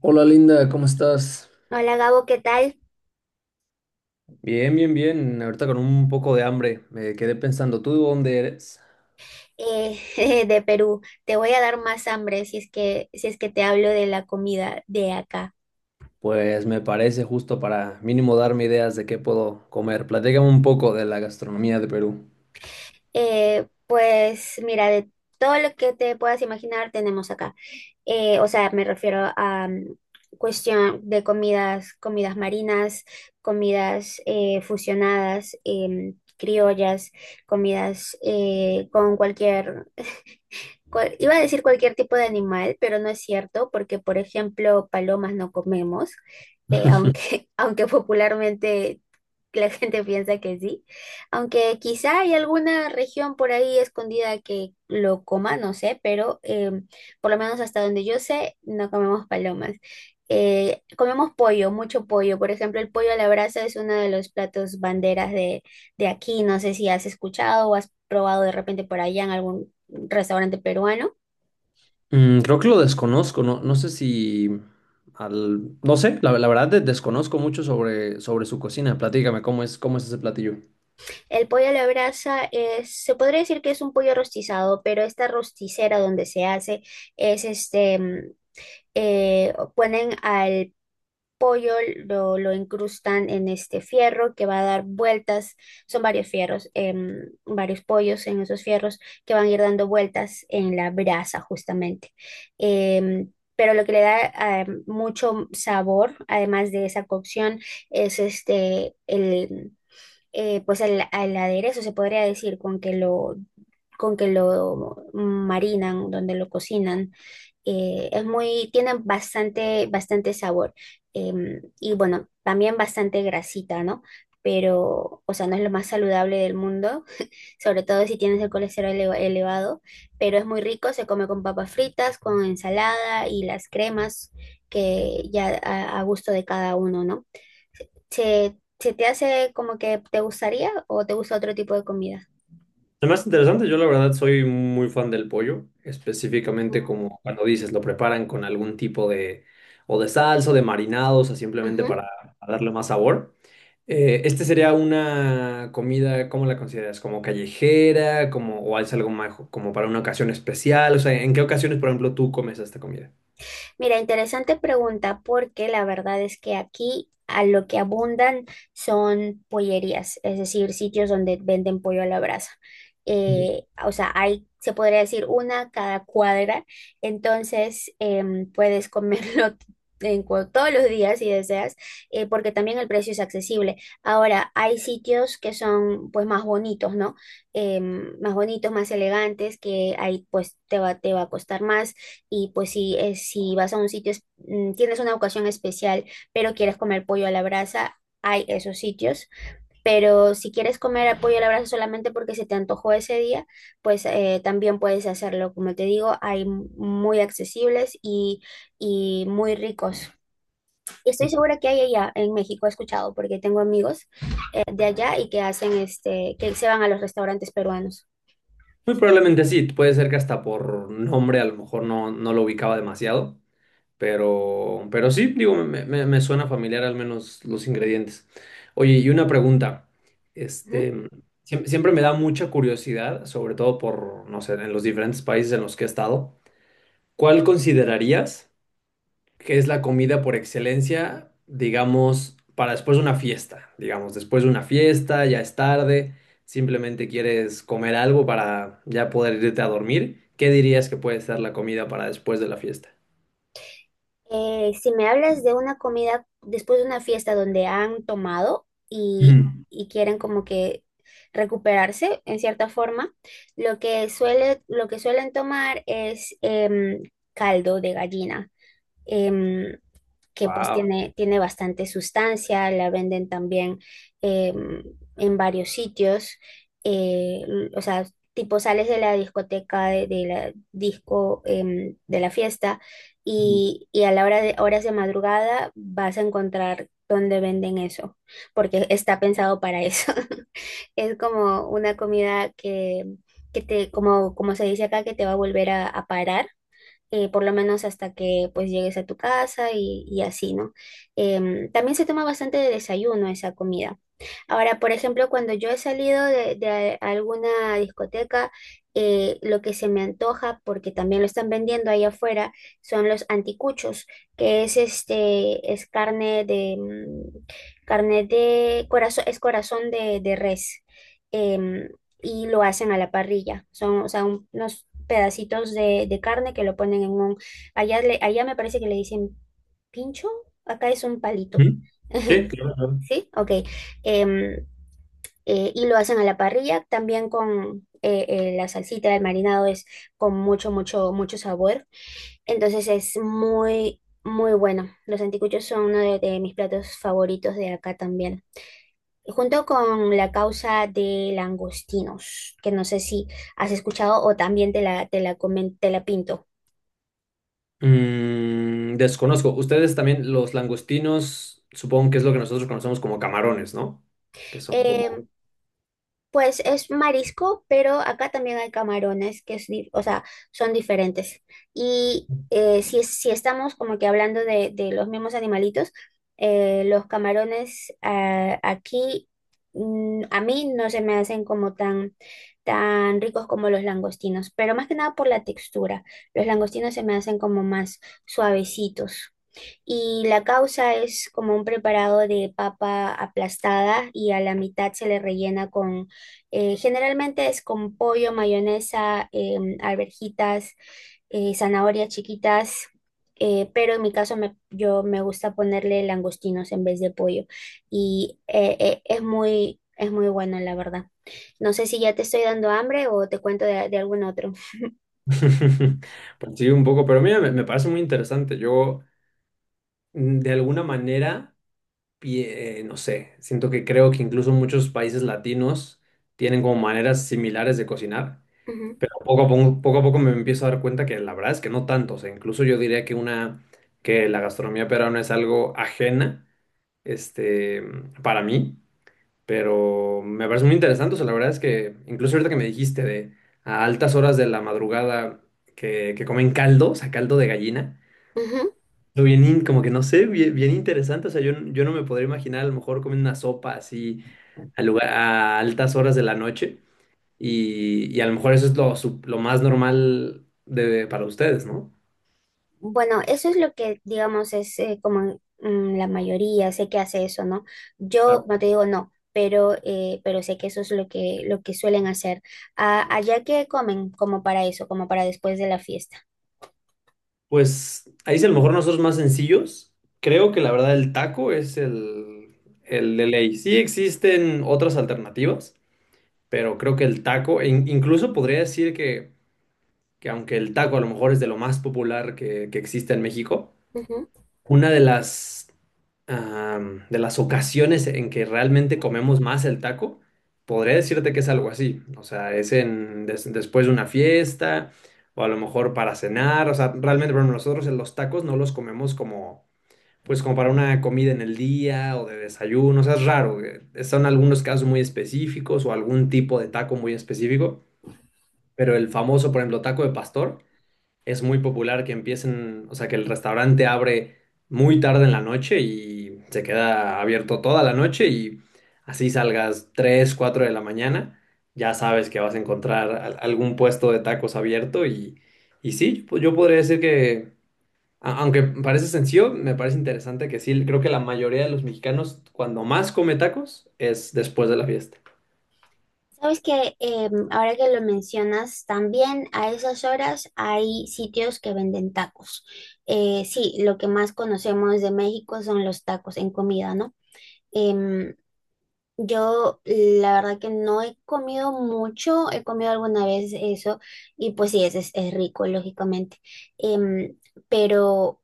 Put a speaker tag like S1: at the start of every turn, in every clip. S1: Hola Linda, ¿cómo estás?
S2: Hola Gabo, ¿qué tal?
S1: Bien, bien, bien. Ahorita con un poco de hambre. Me quedé pensando, ¿tú de dónde eres?
S2: Eh, de Perú. Te voy a dar más hambre si es que te hablo de la comida de acá.
S1: Pues me parece justo para mínimo darme ideas de qué puedo comer. Platícame un poco de la gastronomía de Perú.
S2: Pues mira, de todo lo que te puedas imaginar tenemos acá. O sea, me refiero a cuestión de comidas, comidas marinas, comidas fusionadas, criollas, comidas con iba a decir cualquier tipo de animal, pero no es cierto, porque por ejemplo, palomas no comemos, aunque popularmente la gente piensa que sí, aunque quizá hay alguna región por ahí escondida que lo coma, no sé, pero por lo menos hasta donde yo sé, no comemos palomas. Comemos pollo, mucho pollo. Por ejemplo, el pollo a la brasa es uno de los platos banderas de aquí. No sé si has escuchado o has probado de repente por allá en algún restaurante peruano.
S1: Mm, creo que lo desconozco, no, no sé si... No sé, la verdad desconozco mucho sobre, sobre su cocina. Platícame, cómo es ese platillo?
S2: El pollo a la brasa es, se podría decir que es un pollo rostizado, pero esta rosticera donde se hace es este, ponen al pollo, lo incrustan en este fierro que va a dar vueltas, son varios fierros, varios pollos en esos fierros que van a ir dando vueltas en la brasa justamente. Pero lo que le da mucho sabor, además de esa cocción, es este, pues al aderezo se podría decir con que lo marinan, donde lo cocinan. Tienen bastante, bastante sabor. Y bueno, también bastante grasita, ¿no? Pero, o sea, no es lo más saludable del mundo, sobre todo si tienes el colesterol elevado, pero es muy rico, se come con papas fritas, con ensalada y las cremas que ya a gusto de cada uno, ¿no? ¿Se te hace como que te gustaría o te gusta otro tipo de comida?
S1: Lo más interesante, yo la verdad soy muy fan del pollo, específicamente
S2: Ujú.
S1: como cuando dices, lo preparan con algún tipo de, o de salsa, o de marinados, o sea, simplemente
S2: Ujú.
S1: para darle más sabor. Este sería una comida, ¿cómo la consideras? ¿Como callejera? Como, ¿o es algo más como para una ocasión especial? O sea, ¿en qué ocasiones, por ejemplo, tú comes esta comida?
S2: Mira, interesante pregunta, porque la verdad es que aquí a lo que abundan son pollerías, es decir, sitios donde venden pollo a la brasa.
S1: Ujú.
S2: O sea, hay, se podría decir, una cada cuadra. Entonces puedes comerlo todos los días si deseas, porque también el precio es accesible. Ahora, hay sitios que son pues más bonitos, ¿no? Más bonitos, más elegantes, que ahí pues te va a costar más, y pues si vas a un sitio, tienes una ocasión especial, pero quieres comer pollo a la brasa, hay esos sitios. Pero si quieres comer pollo a la brasa solamente porque se te antojó ese día, pues también puedes hacerlo. Como te digo, hay muy accesibles y muy ricos. Estoy segura que hay allá en México, he escuchado, porque tengo amigos de allá y que hacen este, que se van a los restaurantes peruanos.
S1: Muy probablemente sí, puede ser que hasta por nombre a lo mejor no, no lo ubicaba demasiado, pero sí, digo, me suena familiar al menos los ingredientes. Oye, y una pregunta. Este,
S2: Ujú.
S1: siempre me da mucha curiosidad, sobre todo por, no sé, en los diferentes países en los que he estado. ¿Cuál considerarías que es la comida por excelencia, digamos, para después de una fiesta? Digamos, después de una fiesta, ya es tarde, simplemente quieres comer algo para ya poder irte a dormir. ¿Qué dirías que puede ser la comida para después de la fiesta?
S2: Si me hablas de una comida después de una fiesta donde han tomado y,
S1: Mm.
S2: y quieren como que recuperarse en cierta forma, lo que suelen tomar es caldo de gallina. Em, que pues
S1: Wow.
S2: tiene bastante sustancia. La venden también eh, en varios sitios. Eh, o sea, tipo sales de la discoteca, de la disco, de la fiesta, y a la hora de horas de madrugada vas a encontrar donde venden eso, porque está pensado para eso. Es como una comida que te, como se dice acá, que te va a volver a parar por lo menos hasta que pues llegues a tu casa y así, ¿no? También se toma bastante de desayuno esa comida. Ahora, por ejemplo, cuando yo he salido de alguna discoteca, lo que se me antoja, porque también lo están vendiendo ahí afuera, son los anticuchos, que es este, es carne de corazón, es corazón de res. em, y lo hacen a la parrilla. Son, o sea, unos pedacitos de carne que lo ponen en un. Allá me parece que le dicen pincho, acá es un palito.
S1: ¿Mm? Sí, claro. Claro.
S2: ¿Sí? Ok. Em, y lo hacen a la parrilla, también con la salsita, el marinado es con mucho, mucho, mucho sabor. Entonces es muy, muy bueno. Los anticuchos son uno de mis platos favoritos de acá también. Junto con la causa de langostinos, que no sé si has escuchado o también te la pinto.
S1: Mm, desconozco. Ustedes también, los langostinos, supongo que es lo que nosotros conocemos como camarones, ¿no? Que son
S2: Eh,
S1: como...
S2: Pues es marisco, pero acá también hay camarones o sea, son diferentes. Y si estamos como que hablando de los mismos animalitos, los camarones aquí, a mí no se me hacen como tan, tan ricos como los langostinos, pero más que nada por la textura. Los langostinos se me hacen como más suavecitos, y la causa es como un preparado de papa aplastada y a la mitad se le rellena con, generalmente es con pollo, mayonesa, alverjitas, zanahorias chiquitas, pero en mi caso yo me gusta ponerle langostinos en vez de pollo y es muy bueno, la verdad. No sé si ya te estoy dando hambre o te cuento de algún otro.
S1: Pues sí, un poco, pero mira, me parece muy interesante. Yo, mm, de alguna manera, no sé, siento que creo que incluso muchos países latinos tienen como maneras similares de cocinar,
S2: Ujú,
S1: pero poco a poco me empiezo a dar cuenta que la verdad es que no tanto. O sea, incluso yo diría que una, que la gastronomía peruana es algo ajena este, para mí, pero me parece muy interesante. O sea, la verdad es que incluso ahorita que me dijiste de a altas horas de la madrugada que comen caldo, o sea, caldo de gallina,
S2: ujú.
S1: lo bien, como que no sé, bien, bien interesante. O sea, yo no me podría imaginar a lo mejor comer una sopa así a, lugar, a altas horas de la noche y a lo mejor eso es lo, lo más normal de, para ustedes, ¿no?
S2: Bueno, eso es lo que, digamos, es como la mayoría, sé que hace eso, ¿no? Yo, no te digo no, pero sé que eso es lo que, suelen hacer. Ah, allá que comen como para eso, como para después de la fiesta.
S1: Pues ahí sí a lo mejor nosotros más sencillos. Creo que la verdad el taco es el de ley. Sí existen otras alternativas, pero creo que el taco, incluso podría decir que aunque el taco a lo mejor es de lo más popular que existe en México,
S2: Ujú.
S1: una de las, am, de las ocasiones en que realmente comemos más el taco, podría decirte que es algo así. O sea, es en, después de una fiesta o a lo mejor para cenar. O sea, realmente, bueno, nosotros en los tacos no los comemos como, pues como para una comida en el día o de desayuno. O sea, es raro. Son algunos casos muy específicos o algún tipo de taco muy específico. Pero el famoso, por ejemplo, taco de pastor es muy popular que empiecen, o sea, que el restaurante abre muy tarde en la noche y se queda abierto toda la noche y así salgas 3 4 de la mañana, ya sabes que vas a encontrar algún puesto de tacos abierto y sí, pues yo podría decir que, aunque parece sencillo, me parece interesante que sí, creo que la mayoría de los mexicanos cuando más come tacos es después de la fiesta.
S2: Sabes que ahora que lo mencionas, también a esas horas hay sitios que venden tacos. Sí, lo que más conocemos de México son los tacos en comida, ¿no? Em, yo la verdad que no he comido mucho, he comido alguna vez eso y pues sí, es rico, lógicamente. Em, pero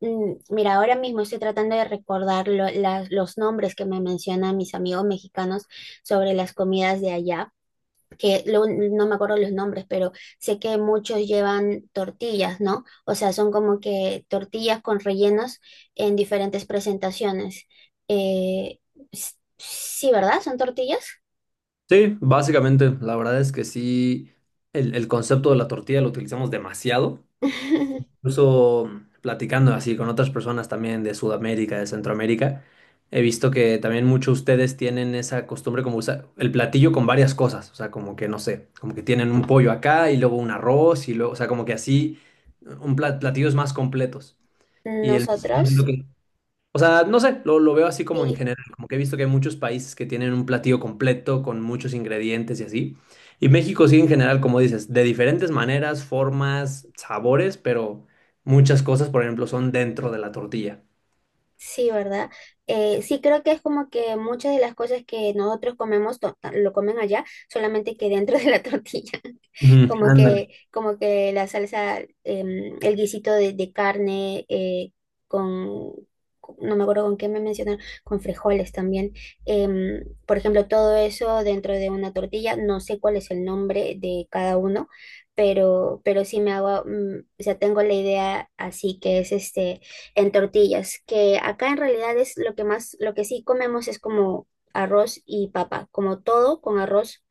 S2: mira, ahora mismo estoy tratando de recordar los nombres que me mencionan mis amigos mexicanos sobre las comidas de allá que no me acuerdo los nombres, pero sé que muchos llevan tortillas, ¿no? O sea, son como que tortillas con rellenos en diferentes presentaciones. Eh, sí, ¿verdad? ¿Son tortillas?
S1: Sí, básicamente, la verdad es que sí, el concepto de la tortilla lo utilizamos demasiado. Incluso platicando así con otras personas también de Sudamérica, de Centroamérica, he visto que también muchos de ustedes tienen esa costumbre como usar el platillo con varias cosas, o sea, como que no sé, como que tienen un pollo acá y luego un arroz y luego, o sea, como que así un platillos más completos. Y el mexicano es lo
S2: Nosotros,
S1: que o sea, no sé, lo veo así como en
S2: sí.
S1: general, como que he visto que hay muchos países que tienen un platillo completo con muchos ingredientes y así. Y México sí en general, como dices, de diferentes maneras, formas, sabores, pero muchas cosas, por ejemplo, son dentro de la tortilla.
S2: Sí, ¿verdad? Sí, creo que es como que muchas de las cosas que nosotros comemos lo comen allá, solamente que dentro de la tortilla,
S1: Ujú,
S2: como que,
S1: ándale.
S2: como que la salsa, el guisito de carne con, no me acuerdo con qué me mencionaron, con frijoles también. Por ejemplo, todo eso dentro de una tortilla, no sé cuál es el nombre de cada uno, pero sí me hago, o sea, tengo la idea así que es este en tortillas, que acá en realidad es lo que sí comemos es como arroz y papa, como todo con arroz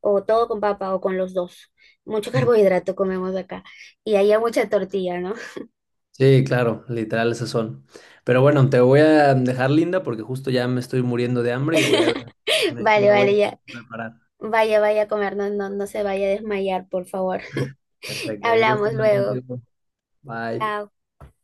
S2: o todo con papa o con los dos. Mucho carbohidrato comemos acá y allá mucha tortilla, ¿no?
S1: Sí, claro, literal esas son. Pero bueno, te voy a dejar linda porque justo ya me estoy muriendo de hambre y voy a me
S2: Vale,
S1: voy
S2: vale, ya.
S1: a preparar.
S2: Vaya, vaya a comer, no, no, no se vaya a desmayar, por favor.
S1: Perfecto, un gusto
S2: Hablamos
S1: hablar
S2: luego.
S1: contigo. Bye.
S2: Chao.